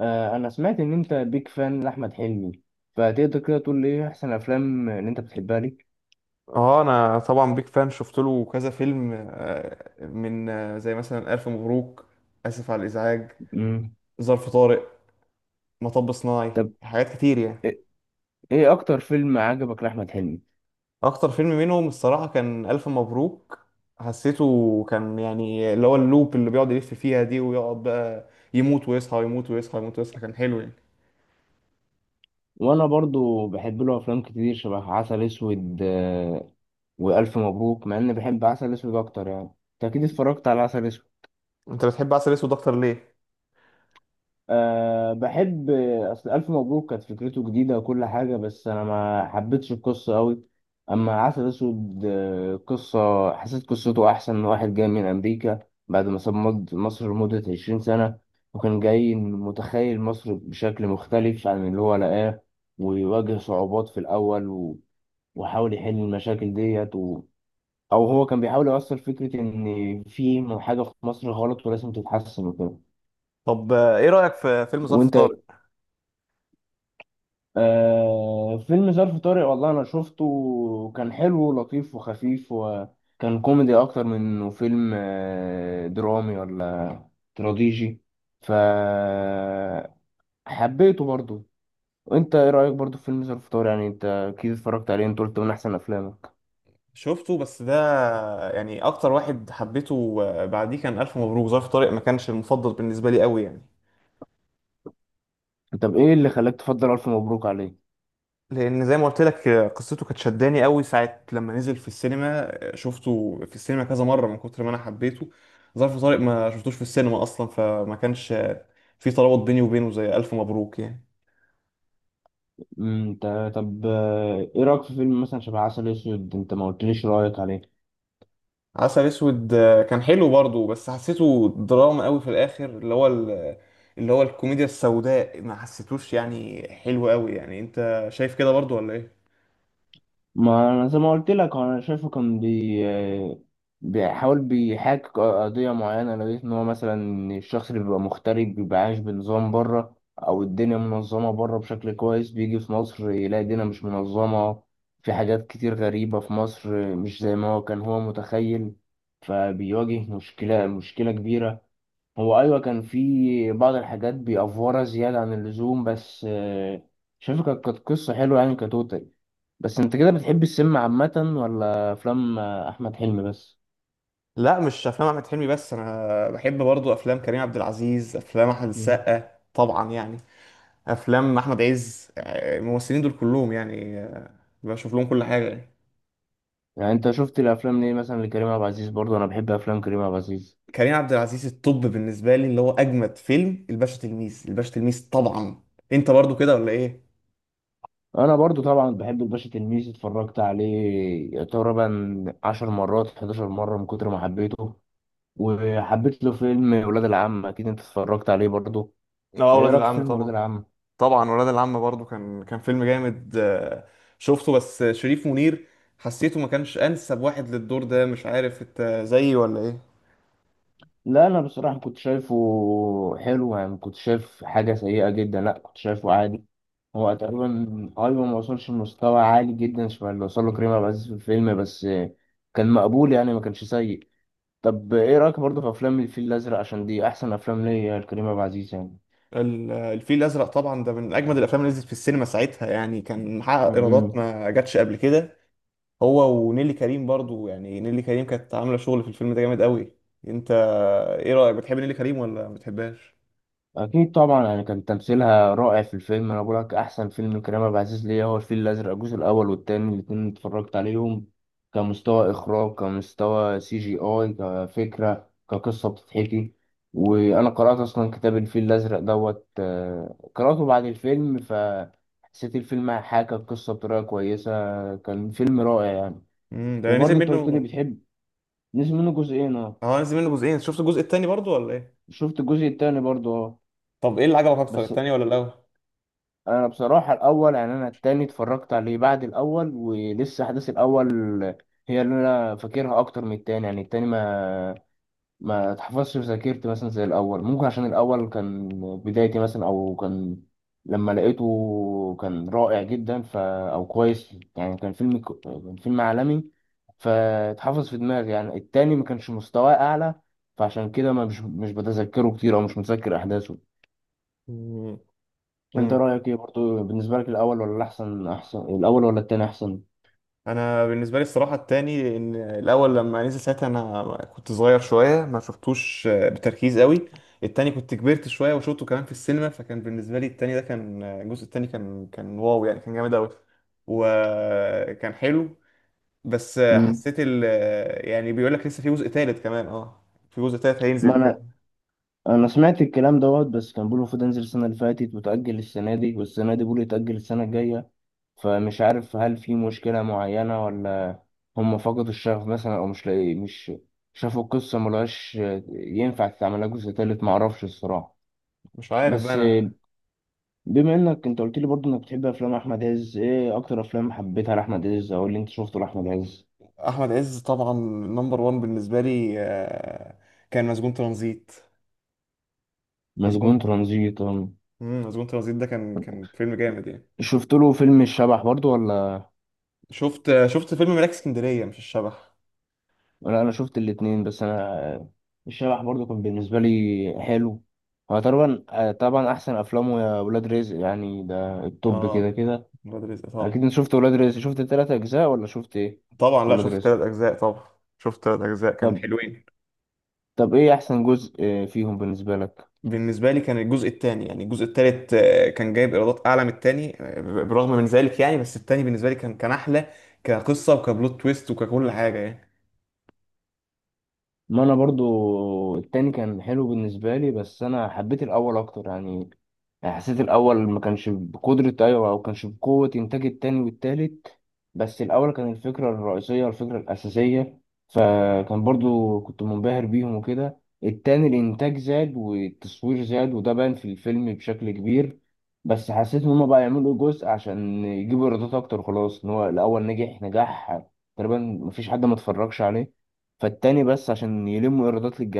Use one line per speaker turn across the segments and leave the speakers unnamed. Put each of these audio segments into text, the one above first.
انا سمعت ان انت بيك فان لاحمد حلمي، فتقدر كده تقول لي ايه احسن افلام اللي انت بتحبها لي؟
اه، انا طبعا بيك فان. شفت له كذا فيلم من زي مثلا الف مبروك. اسف على الازعاج.
مم.
ظرف طارق. مطب صناعي.
طب،
حاجات كتير يعني.
ايه إيه اكتر فيلم عجبك لاحمد حلمي؟
اكتر فيلم منهم الصراحه كان الف مبروك. حسيته كان يعني اللي هو اللوب اللي بيقعد يلف فيها دي، ويقعد بقى يموت ويصحى، يموت ويصحى، يموت ويصحى، كان حلو يعني.
وانا برضو بحب له افلام كتير شبه عسل اسود والف مبروك، مع اني بحب عسل اسود اكتر يعني. انت اكيد اتفرجت على عسل اسود.
انت بتحب عسل اسود اكتر ليه؟
أه، بحب. اصل الف مبروك كانت فكرته جديده وكل حاجه، بس انا ما حبيتش القصه قوي. اما عسل اسود قصه، حسيت قصته احسن من واحد جاي من امريكا بعد ما ساب مصر لمده 20 سنه، وكان جاي متخيل مصر بشكل مختلف عن اللي هو لقاه، ويواجه صعوبات في الاول وحاول يحل المشاكل ديت او هو كان بيحاول يوصل فكره ان في حاجه في مصر غلط ولازم تتحسن وكده.
طب ايه رايك في فيلم ظرف
وانت؟
طارق؟
آه، فيلم ظرف طارق والله انا شفته وكان حلو ولطيف وخفيف، وكان كوميدي اكتر من انه فيلم درامي ولا تراجيدي، فحبيته برضو. وانت ايه رايك برضو في فيلم ظرف طارق؟ يعني انت اكيد اتفرجت عليه، انت قلت من احسن افلامك.
شفته، بس ده يعني اكتر واحد حبيته بعديه كان الف مبروك. ظرف طارق ما كانش المفضل بالنسبه لي قوي يعني.
طب ايه اللي خلاك تفضل الف مبروك عليه؟
لان زي ما قلت لك قصته كانت شداني قوي ساعه لما نزل في السينما، شفته في السينما كذا مره من كتر ما انا حبيته. ظرف طارق ما شفتوش في السينما اصلا، فما كانش في ترابط بيني وبينه زي الف مبروك يعني.
انت، طب، ايه رايك في فيلم مثلا شبه عسل اسود؟ انت ما قلتليش رايك عليه.
عسل اسود كان حلو برضه، بس حسيته دراما قوي في الاخر. اللي هو اللي هو الكوميديا السوداء ما حسيتوش يعني حلو قوي يعني. انت شايف كده برضه ولا ايه؟
ما انا زي ما قلت لك انا شايفه كان بي آه، بيحاول بيحاكي قضيه معينه. لو لقيت ان هو مثلا الشخص اللي بيبقى مغترب بيبقى عايش بنظام بره، او الدنيا منظمه بره بشكل كويس، بيجي في مصر يلاقي الدنيا مش منظمه، في حاجات كتير غريبه في مصر مش زي ما هو كان هو متخيل، فبيواجه مشكله كبيره. هو ايوه كان في بعض الحاجات بيأفورها زياده عن اللزوم، بس شايفه كانت قصه حلوه يعني كتوتال. بس انت كده بتحب السينما عامه، ولا افلام احمد حلمي بس؟
لا، مش افلام احمد حلمي بس. انا بحب برضو افلام كريم عبد العزيز، افلام احمد
مم.
السقا طبعا يعني، افلام احمد عز، الممثلين دول كلهم يعني. بشوف لهم كل حاجه يعني.
يعني انت شفت الافلام ليه مثلا لكريم عبد العزيز؟ برضه انا بحب افلام كريم عبد العزيز.
كريم عبد العزيز الطب بالنسبه لي اللي هو اجمد فيلم، الباشا تلميذ، الباشا تلميذ طبعا. انت برضو كده ولا ايه؟
انا برضه طبعا بحب الباشا تلميذ، اتفرجت عليه تقريبا 10 مرات 11 مره من كتر ما حبيته. وحبيت له فيلم ولاد العم، اكيد انت اتفرجت عليه برضه.
اه،
ايه
ولاد
رايك في
العم
فيلم ولاد
طبعا.
العم؟
طبعا ولاد العم برضو كان فيلم جامد. شفته، بس شريف منير حسيته ما كانش انسب واحد للدور ده. مش عارف، انت زيي ولا ايه؟
لا انا بصراحه كنت شايفه حلو يعني، ما كنت شايف حاجه سيئه جدا، لا كنت شايفه عادي. هو تقريبا ايوه، ما وصلش لمستوى عالي جدا شبه اللي وصل له كريم عبد العزيز في الفيلم، بس كان مقبول يعني، ما كانش سيء. طب ايه رايك برضه في افلام الفيل الازرق؟ عشان دي احسن افلام ليا لكريم عبد العزيز يعني.
الفيل الازرق طبعا، ده من اجمد الافلام اللي نزلت في السينما ساعتها يعني. كان
م-
محقق ايرادات
م.
ما جاتش قبل كده. هو ونيلي كريم برضو، يعني نيلي كريم كانت عامله شغل في الفيلم ده جامد قوي. انت ايه رايك، بتحب نيلي كريم ولا ما بتحبهاش؟
اكيد طبعا يعني كان تمثيلها رائع في الفيلم. انا بقول لك احسن فيلم لكريم عبد العزيز ليا هو الفيل الازرق، الجزء الاول والتاني الاتنين اتفرجت عليهم، كمستوى اخراج كمستوى سي جي اي كفكره كقصه بتتحكي. وانا قرات اصلا كتاب الفيل الازرق دوت، قراته بعد الفيلم فحسيت الفيلم حاكى القصه بطريقه كويسه. كان فيلم رائع يعني.
ده نزل
وبرضه انت قلت لي
منه.
بتحب. نزل منه جزئين، اه.
اه، نزل منه جزئين. شفت الجزء التاني برضو ولا ايه؟
شفت الجزء التاني برضه، اه.
طب ايه اللي عجبك اكتر،
بس
التاني ولا الاول؟
انا بصراحه الاول. يعني انا التاني اتفرجت عليه بعد الاول، ولسه احداث الاول هي اللي انا فاكرها اكتر من التاني. يعني التاني ما اتحفظش في ذاكرتي مثلا زي الاول. ممكن عشان الاول كان بدايتي مثلا، او كان لما لقيته كان رائع جدا، ف او كويس يعني، كان فيلم كان فيلم عالمي، فاتحفظ في دماغي. يعني التاني ما كانش مستواه اعلى، فعشان كده ما مش بتذكره كتير، او مش متذكر احداثه. انت
امم
رايك ايه برضو بالنسبه لك، الاول ولا الاحسن احسن الاول ولا التاني احسن؟
انا بالنسبه لي الصراحه التاني، لان الاول لما نزل ساعتها انا كنت صغير شويه، ما شفتوش بتركيز قوي. التاني كنت كبرت شويه وشفته كمان في السينما، فكان بالنسبه لي التاني ده كان، الجزء التاني كان واو يعني، كان جامد قوي وكان حلو. بس
امم
حسيت ال آه، يعني بيقول لك لسه في جزء تالت كمان، اه. في جزء تالت هينزل
ما انا
كمان.
انا سمعت الكلام دوت، بس كان بيقولوا المفروض انزل السنه اللي فاتت وتاجل السنه دي، والسنه دي بيقولوا يتاجل السنه الجايه. فمش عارف هل في مشكله معينه، ولا هم فقدوا الشغف مثلا، او مش لاقي مش شافوا القصه ملهاش ينفع تتعملها جزء تالت؟ معرفش الصراحه.
مش عارف بقى
بس
انا.
بما انك انت قلت لي برضو انك بتحب افلام احمد عز، ايه اكتر افلام حبيتها لاحمد عز، او اللي انت شفته لاحمد عز؟
احمد عز طبعا، نمبر وان بالنسبه لي. كان مسجون ترانزيت.
مسجون
مسجون.
ترانزيت.
مسجون ترانزيت ده كان فيلم جامد يعني.
شفت له فيلم الشبح برضو ولا؟
شفت فيلم ملاك اسكندرية، مش الشبح.
ولا انا شفت الاتنين. بس انا الشبح برضو كان بالنسبه لي حلو. هو طبعا، طبعا احسن افلامه يا ولاد رزق يعني، ده التوب كده
اه،
كده.
ولاد رزق طبعا.
اكيد انت شفت ولاد رزق، شفت التلات اجزاء ولا شفت ايه
طبعا
في
لا،
ولاد
شفت
رزق؟
ثلاث أجزاء طبعا. شفت ثلاث أجزاء، كان
طب،
حلوين.
طب ايه احسن جزء فيهم بالنسبه لك؟
بالنسبة لي كان الجزء الثاني، يعني الجزء الثالث كان جايب إيرادات أعلى من الثاني برغم من ذلك يعني، بس الثاني بالنسبة لي كان أحلى كقصة وكبلوت تويست وككل حاجة يعني.
ما انا برضو التاني كان حلو بالنسبه لي، بس انا حبيت الاول اكتر يعني. يعني حسيت الاول ما كانش بقدرة ايوه او كانش بقوة انتاج التاني والتالت، بس الاول كان الفكرة الرئيسية الفكرة الاساسية، فكان برضو كنت منبهر بيهم وكده. التاني الانتاج زاد والتصوير زاد وده بان في الفيلم بشكل كبير، بس حسيت ان هما بقى يعملوا جزء عشان يجيبوا ايرادات اكتر. خلاص ان هو الاول نجح نجاح تقريبا مفيش حد ما اتفرجش عليه، فالتاني بس عشان يلموا ايرادات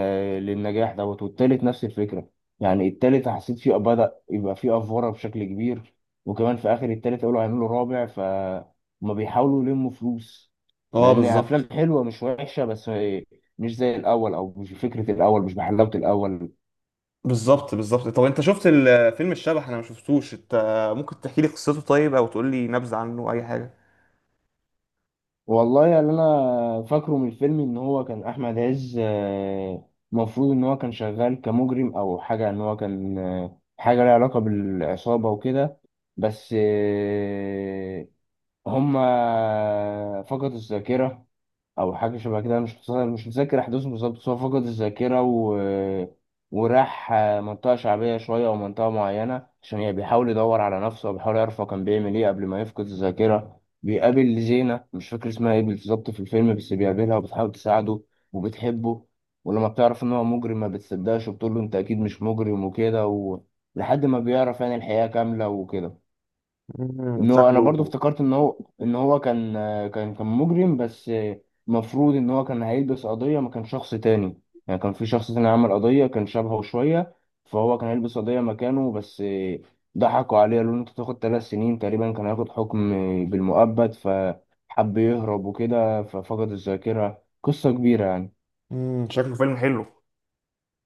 للنجاح دوت، والتالت نفس الفكره. يعني التالت حسيت فيه بدأ يبقى فيه افوره بشكل كبير، وكمان في اخر التالت قالوا هيعملوا رابع، فهم بيحاولوا يلموا فلوس، مع
اه
ان افلام
بالظبط.
حلوه مش وحشه، بس مش زي الاول او مش بفكره الاول مش بحلاوه الاول.
بالظبط، بالظبط. طب انت شفت فيلم الشبح؟ انا ما شفتوش. انت ممكن تحكي لي قصته طيب، او تقول لي نبذة عنه، اي حاجة؟
والله يعني انا فاكره من الفيلم ان هو كان احمد عز، مفروض ان هو كان شغال كمجرم او حاجه، ان هو كان حاجه لها علاقه بالعصابه وكده، بس هما فقدوا الذاكره او حاجه شبه كده. أنا مش متذكر احداثه بالظبط، بس هو فقد الذاكره وراح منطقه شعبيه شويه او منطقه معينه، عشان يعني بيحاول يدور على نفسه وبيحاول يعرف هو كان بيعمل ايه قبل ما يفقد الذاكره. بيقابل زينه، مش فاكر اسمها ايه بالظبط في الفيلم، بس بيقابلها وبتحاول تساعده وبتحبه، ولما بتعرف ان هو مجرم ما بتصدقش وبتقول له انت اكيد مش مجرم وكده لحد ما بيعرف يعني الحقيقه كامله وكده.
امم،
ان هو انا برضو
شكله.
افتكرت ان هو كان مجرم، بس المفروض ان هو كان هيلبس قضية ما كان شخص تاني. يعني كان في شخص تاني عمل قضية كان شبهه شوية، فهو كان هيلبس قضية مكانه، بس ضحكوا عليه قالوا له انت تاخد ثلاث سنين. تقريبا كان هياخد حكم بالمؤبد، فحب يهرب وكده ففقد الذاكرة. قصة كبيرة يعني.
شكله فيلم حلو.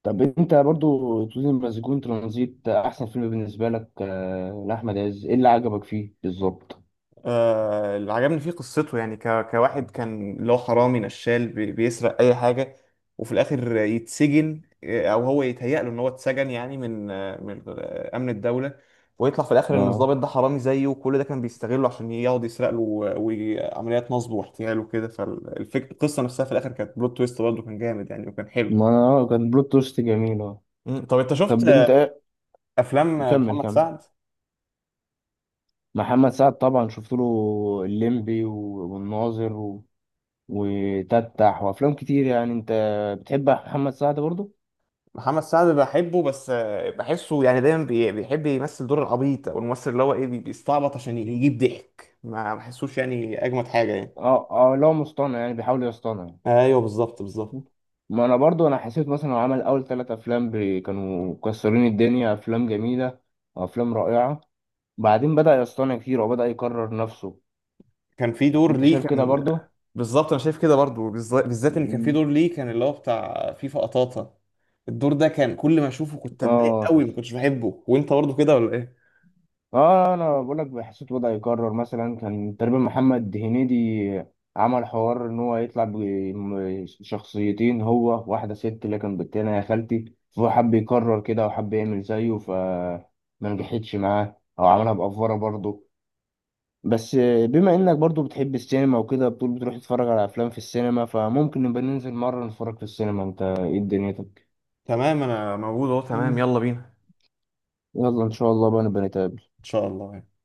طب انت برضو تقولي مسجون ترانزيت احسن فيلم بالنسبة لك لأحمد عز، ايه اللي عجبك فيه بالظبط؟
اللي عجبني فيه قصته يعني. كواحد كان اللي هو حرامي نشال، بيسرق اي حاجه. وفي الاخر يتسجن، او هو يتهيأ له ان هو اتسجن، يعني من امن الدوله. ويطلع في الاخر ان
اه،
الضابط ده حرامي زيه، وكل ده كان بيستغله عشان يقعد يسرق له، وعمليات نصب واحتيال وكده. فالفكره، القصه نفسها في الاخر كانت بلوت تويست برضه، كان جامد يعني وكان حلو.
ما انا اه كان بلوت توست جميل، اه.
مم. طب انت شفت
طب انت ايه.
افلام
كمل،
محمد
كمل.
سعد؟
محمد سعد طبعا شفت له الليمبي والناظر وتتح وافلام كتير يعني. انت بتحب محمد سعد برضو؟
محمد سعد بحبه، بس بحسه يعني دايما بيحب يمثل دور العبيط، او الممثل اللي هو ايه، بيستعبط عشان يجيب ضحك. ما بحسوش يعني اجمد حاجه يعني.
اه، اه، لا مصطنع يعني بيحاول يصطنع يعني.
ايوه بالظبط، بالظبط.
ما انا برضو انا حسيت مثلا هو عمل اول ثلاث افلام كانوا مكسرين الدنيا، افلام جميله وافلام رائعه، بعدين بدا يصطنع كتير وبدا يكرر نفسه.
كان في دور
انت
ليه
شايف كده
كان.
برضو؟
بالظبط، انا شايف كده برضو، بالذات ان كان في
مم.
دور ليه كان، اللي هو بتاع فيفا قطاطا. الدور ده كان كل ما اشوفه كنت اتضايق
اه،
قوي، ما كنتش بحبه. وانت برضو كده ولا ايه؟
اه، انا بقول لك حسيت وضعي يكرر مثلا، كان تقريبا محمد هنيدي عمل حوار ان هو يطلع بشخصيتين هو، واحده ست اللي كان بالتانية يا خالتي، فهو حب يكرر كده وحب يعمل زيه فما نجحتش معاه او عملها بأفورة برضه. بس بما انك برضه بتحب السينما وكده، بتقول بتروح تتفرج على افلام في السينما، فممكن نبقى ننزل مره نتفرج في السينما. انت ايه دنيتك؟
تمام، انا موجود اهو. تمام،
مم.
يلا بينا.
يلا ان شاء الله بقى نبقى نتقابل.
ان شاء الله يعني.